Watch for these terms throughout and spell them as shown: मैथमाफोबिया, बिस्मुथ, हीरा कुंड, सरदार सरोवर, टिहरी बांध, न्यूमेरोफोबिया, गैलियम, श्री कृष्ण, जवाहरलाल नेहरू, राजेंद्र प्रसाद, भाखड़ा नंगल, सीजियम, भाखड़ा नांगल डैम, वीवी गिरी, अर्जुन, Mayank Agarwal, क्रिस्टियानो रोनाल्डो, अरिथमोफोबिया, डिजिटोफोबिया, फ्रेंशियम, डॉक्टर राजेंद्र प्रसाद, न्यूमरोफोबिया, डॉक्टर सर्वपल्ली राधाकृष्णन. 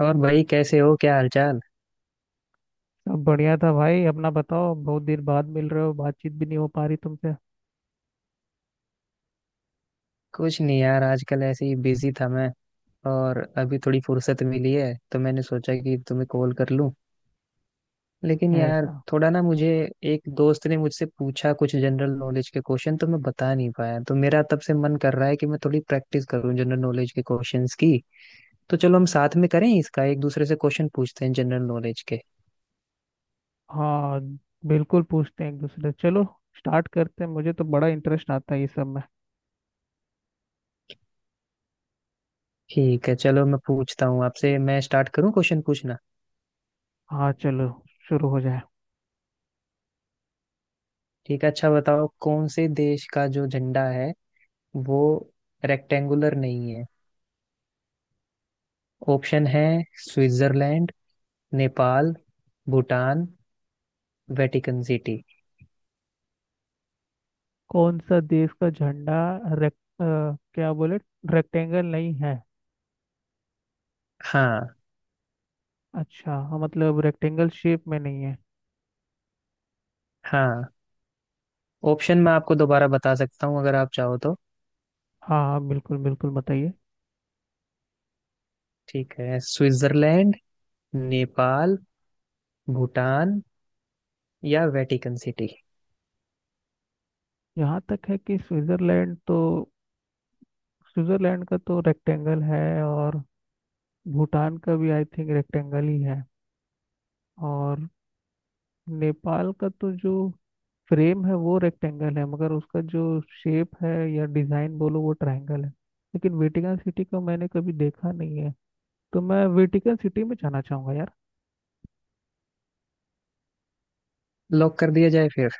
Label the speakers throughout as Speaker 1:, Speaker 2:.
Speaker 1: और भाई कैसे हो, क्या हालचाल?
Speaker 2: सब बढ़िया था भाई। अपना बताओ। बहुत देर बाद मिल रहे हो, बातचीत भी नहीं हो पा रही तुमसे।
Speaker 1: कुछ नहीं यार, आजकल ऐसे ही बिजी था मैं और अभी थोड़ी फुर्सत मिली है तो मैंने सोचा कि तुम्हें कॉल कर लूं। लेकिन यार
Speaker 2: ऐसा?
Speaker 1: थोड़ा ना मुझे, एक दोस्त ने मुझसे पूछा कुछ जनरल नॉलेज के क्वेश्चन तो मैं बता नहीं पाया, तो मेरा तब से मन कर रहा है कि मैं थोड़ी प्रैक्टिस करूं जनरल नॉलेज के क्वेश्चंस की। तो चलो हम साथ में करें इसका, एक दूसरे से क्वेश्चन पूछते हैं जनरल नॉलेज के।
Speaker 2: हाँ, बिल्कुल पूछते हैं एक दूसरे से। चलो, स्टार्ट करते हैं। मुझे तो बड़ा इंटरेस्ट आता है ये सब में।
Speaker 1: ठीक है चलो मैं पूछता हूँ आपसे, मैं स्टार्ट करूँ क्वेश्चन पूछना?
Speaker 2: हाँ, चलो, शुरू हो जाए।
Speaker 1: ठीक है, अच्छा बताओ, कौन से देश का जो झंडा है वो रेक्टेंगुलर नहीं है? ऑप्शन है, Switzerland, Nepal, Bhutan, Vatican city.
Speaker 2: कौन सा देश का झंडा? रेक अ, क्या बोले? रेक्टेंगल नहीं है?
Speaker 1: हाँ।
Speaker 2: अच्छा हाँ, मतलब रेक्टेंगल शेप में नहीं है।
Speaker 1: हाँ, ऑप्शन
Speaker 2: हाँ,
Speaker 1: मैं आपको दोबारा बता सकता हूँ अगर आप चाहो तो।
Speaker 2: हाँ बिल्कुल बिल्कुल बताइए।
Speaker 1: ठीक है, स्विट्जरलैंड, नेपाल, भूटान या वेटिकन सिटी।
Speaker 2: यहाँ तक है कि स्विट्जरलैंड तो, स्विट्जरलैंड का तो रेक्टेंगल है। और भूटान का भी आई थिंक रेक्टेंगल ही है। और नेपाल का तो जो फ्रेम है वो रेक्टेंगल है, मगर उसका जो शेप है या डिजाइन बोलो वो ट्रायंगल है। लेकिन वेटिकन सिटी को मैंने कभी देखा नहीं है, तो मैं वेटिकन सिटी में जाना चाहूंगा यार।
Speaker 1: लॉक कर दिया जाए फिर?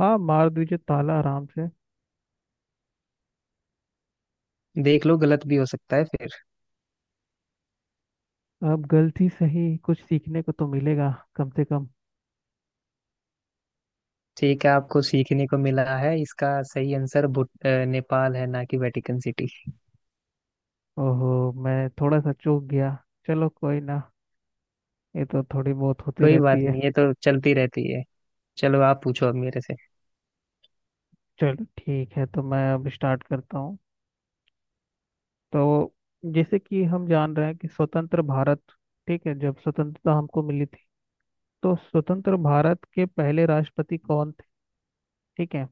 Speaker 2: हाँ, मार दीजिए ताला आराम से।
Speaker 1: देख लो, गलत भी हो सकता है फिर।
Speaker 2: अब गलती सही, कुछ सीखने को तो मिलेगा कम से कम।
Speaker 1: ठीक है, आपको सीखने को मिला है, इसका सही आंसर नेपाल है, ना कि वेटिकन सिटी।
Speaker 2: ओहो, मैं थोड़ा सा चूक गया। चलो, कोई ना, ये तो थोड़ी बहुत होती
Speaker 1: कोई
Speaker 2: रहती
Speaker 1: बात
Speaker 2: है।
Speaker 1: नहीं, ये तो चलती रहती है। चलो आप पूछो अब मेरे से।
Speaker 2: चलो ठीक है, तो मैं अब स्टार्ट करता हूँ। तो जैसे कि हम जान रहे हैं कि स्वतंत्र भारत, ठीक है, जब स्वतंत्रता हमको मिली थी, तो स्वतंत्र भारत के पहले राष्ट्रपति कौन थे? ठीक है,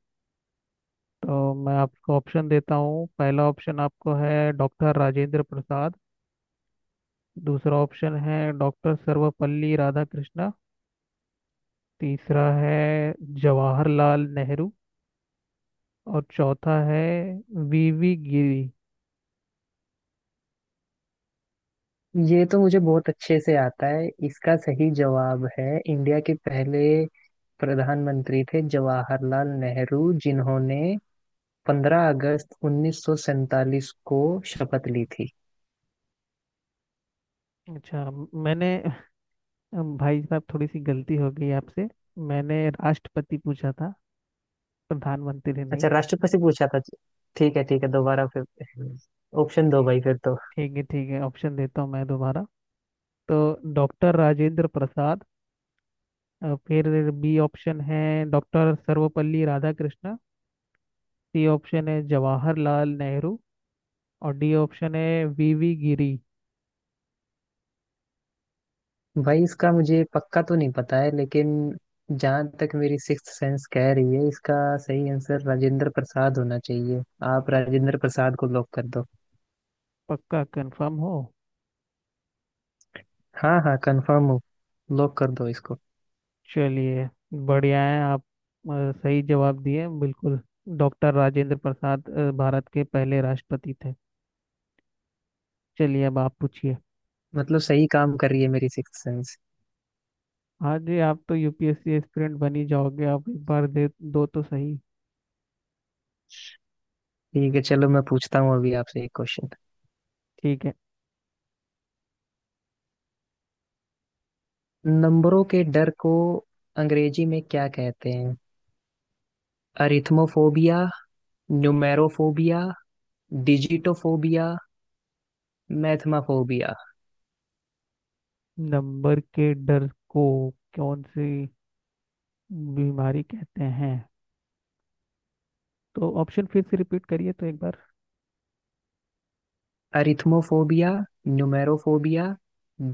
Speaker 2: तो मैं आपको ऑप्शन देता हूँ। पहला ऑप्शन आपको है डॉक्टर राजेंद्र प्रसाद। दूसरा ऑप्शन है डॉक्टर सर्वपल्ली राधाकृष्णा। तीसरा है जवाहरलाल नेहरू। और चौथा है वीवी गिरी।
Speaker 1: ये तो मुझे बहुत अच्छे से आता है, इसका सही जवाब है, इंडिया के पहले प्रधानमंत्री थे जवाहरलाल नेहरू, जिन्होंने 15 अगस्त 1947 को शपथ ली थी।
Speaker 2: अच्छा, मैंने, भाई साहब थोड़ी सी गलती हो गई आपसे, मैंने राष्ट्रपति पूछा था, प्रधानमंत्री नहीं।
Speaker 1: अच्छा, राष्ट्रपति पूछा था। ठीक है ठीक है, दोबारा फिर ऑप्शन दो भाई फिर तो।
Speaker 2: ठीक है ठीक है, ऑप्शन देता हूँ मैं दोबारा। तो डॉक्टर राजेंद्र प्रसाद, फिर बी ऑप्शन है डॉक्टर सर्वपल्ली राधाकृष्णन। C option है जवाहरलाल नेहरू। और डी ऑप्शन है वीवी गिरी।
Speaker 1: भाई इसका मुझे पक्का तो नहीं पता है, लेकिन जहाँ तक मेरी सिक्स्थ सेंस कह रही है, इसका सही आंसर राजेंद्र प्रसाद होना चाहिए। आप राजेंद्र प्रसाद को लॉक कर दो।
Speaker 2: पक्का कंफर्म हो?
Speaker 1: हाँ हाँ, कंफर्म हो। लॉक कर दो इसको।
Speaker 2: चलिए बढ़िया है, आप सही जवाब दिए बिल्कुल। डॉक्टर राजेंद्र प्रसाद भारत के पहले राष्ट्रपति थे। चलिए, अब आप पूछिए।
Speaker 1: मतलब सही काम कर रही है मेरी सिक्स सेंस।
Speaker 2: हाँ जी, आप तो यूपीएससी एस्पिरेंट बन ही जाओगे, आप एक बार दे दो तो सही।
Speaker 1: ठीक है चलो मैं पूछता हूँ अभी आपसे एक क्वेश्चन।
Speaker 2: ठीक है।
Speaker 1: नंबरों के डर को अंग्रेजी में क्या कहते हैं? अरिथमोफोबिया, न्यूमेरोफोबिया, डिजिटोफोबिया, मैथमाफोबिया?
Speaker 2: नंबर के डर को कौन सी बीमारी कहते हैं? तो ऑप्शन फिर से रिपीट करिए तो एक बार।
Speaker 1: अरिथमोफोबिया, न्यूमेरोफोबिया,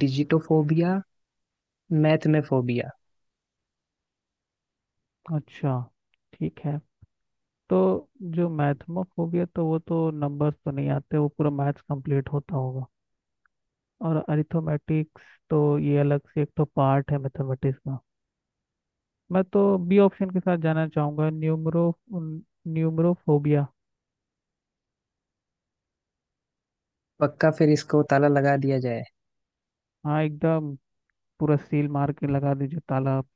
Speaker 1: डिजिटोफोबिया, मैथमेफोबिया।
Speaker 2: अच्छा ठीक है। तो जो मैथमोफोबिया, तो वो तो नंबर्स तो नहीं आते, वो पूरा मैथ्स कंप्लीट होता होगा। और अरिथमेटिक्स, तो ये अलग से एक तो पार्ट है मैथमेटिक्स का। मैं तो बी ऑप्शन के साथ जाना चाहूंगा, न्यूमरोफोबिया।
Speaker 1: पक्का? फिर इसको ताला लगा दिया जाए।
Speaker 2: हाँ एकदम, पूरा सील मार के लगा दीजिए ताला आप।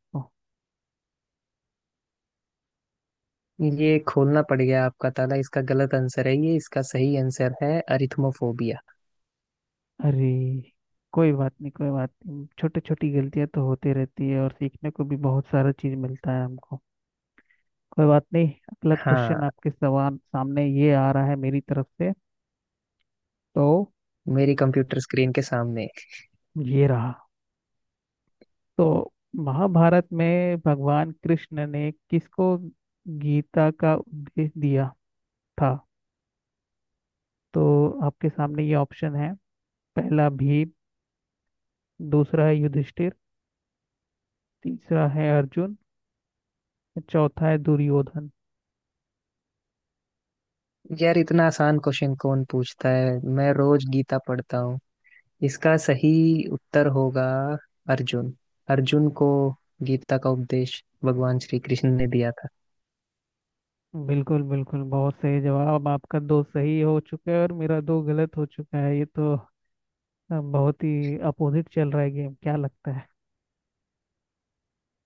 Speaker 1: ये खोलना पड़ गया आपका ताला, इसका गलत आंसर है ये, इसका सही आंसर है अरिथमोफोबिया।
Speaker 2: अरे, कोई बात नहीं कोई बात नहीं, छोटी छोटी गलतियां तो होती रहती है, और सीखने को भी बहुत सारा चीज मिलता है हमको। कोई बात नहीं, अगला
Speaker 1: हाँ।
Speaker 2: क्वेश्चन आपके सवाल सामने ये आ रहा है मेरी तरफ से। तो
Speaker 1: मेरी कंप्यूटर स्क्रीन के सामने।
Speaker 2: ये रहा। तो महाभारत में भगवान कृष्ण ने किसको गीता का उपदेश दिया था? तो आपके सामने ये ऑप्शन है। पहला भीम। दूसरा है युधिष्ठिर। तीसरा है अर्जुन। चौथा है दुर्योधन।
Speaker 1: यार इतना आसान क्वेश्चन कौन पूछता है? मैं रोज गीता पढ़ता हूँ। इसका सही उत्तर होगा अर्जुन। अर्जुन को गीता का उपदेश भगवान श्री कृष्ण ने दिया था।
Speaker 2: बिल्कुल बिल्कुल, बहुत सही जवाब आपका। दो सही हो चुका है और मेरा दो गलत हो चुका है, ये तो बहुत ही अपोजिट चल रहा है गेम, क्या लगता है?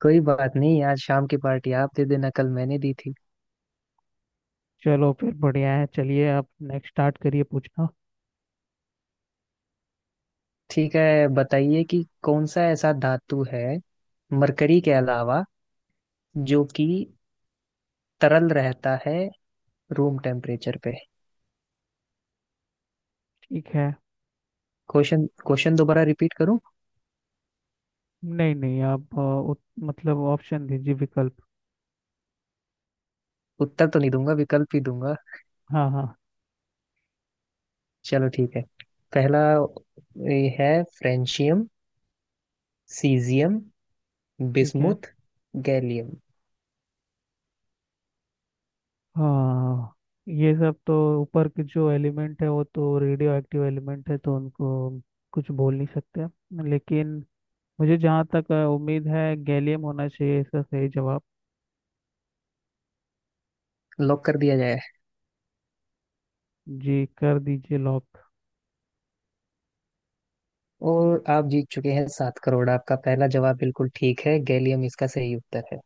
Speaker 1: कोई बात नहीं, आज शाम की पार्टी आप दे देना, कल मैंने दी थी।
Speaker 2: चलो फिर बढ़िया है, चलिए आप नेक्स्ट स्टार्ट करिए पूछना।
Speaker 1: ठीक है, बताइए कि कौन सा ऐसा धातु है मरकरी के अलावा, जो कि तरल रहता है रूम टेम्परेचर पे?
Speaker 2: ठीक है।
Speaker 1: क्वेश्चन क्वेश्चन दोबारा रिपीट करूं?
Speaker 2: नहीं नहीं, आप मतलब ऑप्शन दीजिए, विकल्प।
Speaker 1: उत्तर तो नहीं दूंगा, विकल्प ही दूंगा।
Speaker 2: हाँ हाँ।
Speaker 1: चलो ठीक है, पहला ये है, फ्रेंशियम, सीजियम,
Speaker 2: ठीक है।
Speaker 1: बिस्मुथ, गैलियम।
Speaker 2: हाँ, ये सब तो ऊपर के जो एलिमेंट है वो तो रेडियो एक्टिव एलिमेंट है, तो उनको कुछ बोल नहीं सकते। लेकिन मुझे जहाँ तक उम्मीद है गैलियम होना चाहिए इसका सही जवाब।
Speaker 1: लॉक कर दिया जाए?
Speaker 2: जी कर दीजिए लॉक।
Speaker 1: और आप जीत चुके हैं 7 करोड़। आपका पहला जवाब बिल्कुल ठीक है, गैलियम इसका सही उत्तर है।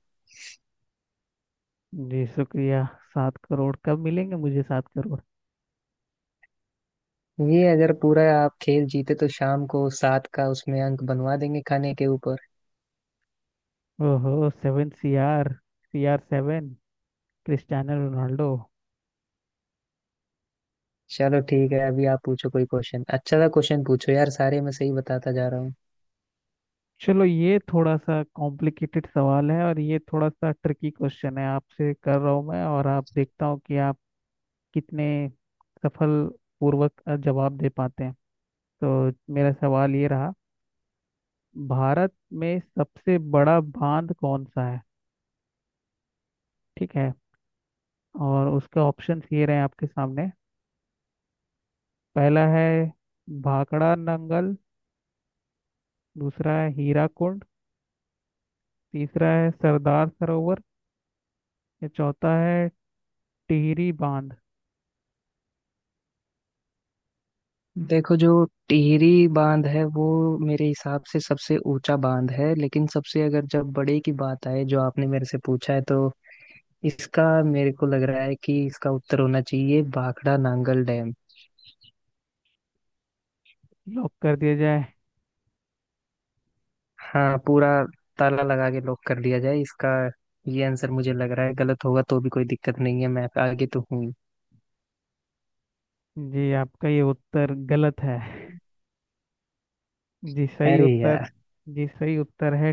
Speaker 2: जी शुक्रिया। सात करोड़ कब मिलेंगे मुझे सात करोड़?
Speaker 1: ये अगर पूरा आप खेल जीते तो शाम को सात का उसमें अंक बनवा देंगे खाने के ऊपर।
Speaker 2: ओहो seven C R, C R seven, क्रिस्टियानो रोनाल्डो।
Speaker 1: चलो ठीक है, अभी आप पूछो कोई क्वेश्चन, अच्छा सा क्वेश्चन पूछो यार, सारे मैं सही बताता जा रहा हूँ।
Speaker 2: चलो, ये थोड़ा सा कॉम्प्लिकेटेड सवाल है, और ये थोड़ा सा ट्रिकी क्वेश्चन है आपसे कर रहा हूँ मैं, और आप देखता हूँ कि आप कितने सफल पूर्वक जवाब दे पाते हैं। तो मेरा सवाल ये रहा, भारत में सबसे बड़ा बांध कौन सा है? ठीक है, और उसके ऑप्शंस ये रहे आपके सामने। पहला है भाखड़ा नंगल। दूसरा है हीरा कुंड। तीसरा है सरदार सरोवर। या चौथा है टिहरी बांध।
Speaker 1: देखो, जो टिहरी बांध है वो मेरे हिसाब से सबसे ऊंचा बांध है, लेकिन सबसे, अगर जब बड़े की बात आए जो आपने मेरे से पूछा है, तो इसका मेरे को लग रहा है कि इसका उत्तर होना चाहिए भाखड़ा नांगल डैम।
Speaker 2: लॉक कर दिया जाए।
Speaker 1: हाँ पूरा, ताला लगा के लॉक कर लिया जाए इसका। ये आंसर मुझे लग रहा है, गलत होगा तो भी कोई दिक्कत नहीं है, मैं आगे तो हूँ ही।
Speaker 2: जी आपका ये उत्तर गलत है। जी सही
Speaker 1: अरे
Speaker 2: उत्तर,
Speaker 1: यार।
Speaker 2: जी सही उत्तर है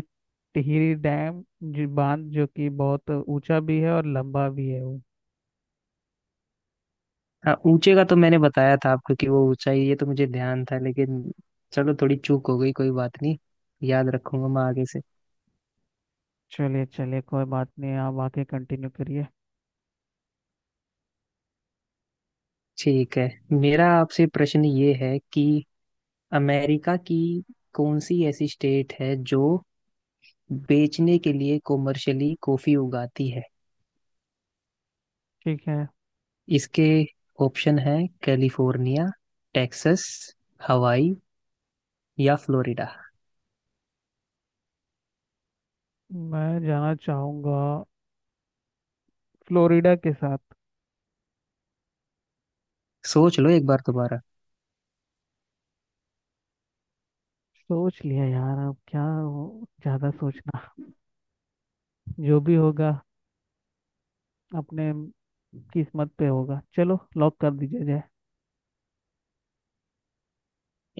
Speaker 2: टिहरी डैम जी, बांध, जो कि बहुत ऊंचा भी है और लंबा भी है वो।
Speaker 1: हाँ, ऊंचे का तो मैंने बताया था आपको कि वो ऊंचा ही है, ये तो मुझे ध्यान था, लेकिन चलो थोड़ी चूक हो गई, कोई बात नहीं। याद रखूंगा मैं आगे से।
Speaker 2: चलिए चलिए, कोई बात नहीं, आप आगे कंटिन्यू करिए।
Speaker 1: ठीक है, मेरा आपसे प्रश्न ये है कि अमेरिका की कौन सी ऐसी स्टेट है जो बेचने के लिए कॉमर्शियली कॉफी उगाती है?
Speaker 2: ठीक है।
Speaker 1: इसके ऑप्शन है, कैलिफोर्निया, टेक्सास, हवाई या फ्लोरिडा।
Speaker 2: मैं जाना चाहूंगा फ्लोरिडा के साथ।
Speaker 1: सोच लो एक बार दोबारा।
Speaker 2: सोच लिया यार, अब क्या ज्यादा सोचना। जो भी होगा अपने किस्मत पे होगा, चलो लॉक कर दीजिए जाए।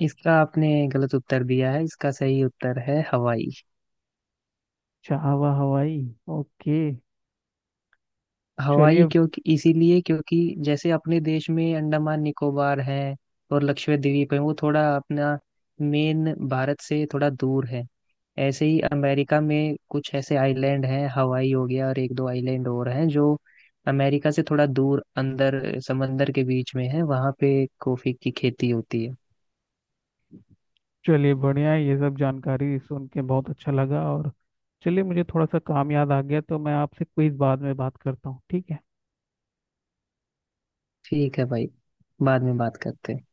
Speaker 1: इसका आपने गलत उत्तर दिया है, इसका सही उत्तर है हवाई।
Speaker 2: चाहवा हवाई, ओके।
Speaker 1: हवाई
Speaker 2: चलिए
Speaker 1: क्योंकि, इसीलिए क्योंकि जैसे अपने देश में अंडमान निकोबार है और लक्षद्वीप द्वीप है, वो थोड़ा अपना मेन भारत से थोड़ा दूर है, ऐसे ही अमेरिका में कुछ ऐसे आइलैंड हैं, हवाई हो गया और एक दो आइलैंड और हैं, जो अमेरिका से थोड़ा दूर अंदर समंदर के बीच में है, वहां पे कॉफी की खेती होती है।
Speaker 2: चलिए बढ़िया है, ये सब जानकारी सुन के बहुत अच्छा लगा। और चलिए, मुझे थोड़ा सा काम याद आ गया, तो मैं आपसे क्विज बाद में बात करता हूँ, ठीक है।
Speaker 1: ठीक है भाई, बाद में बात करते हैं।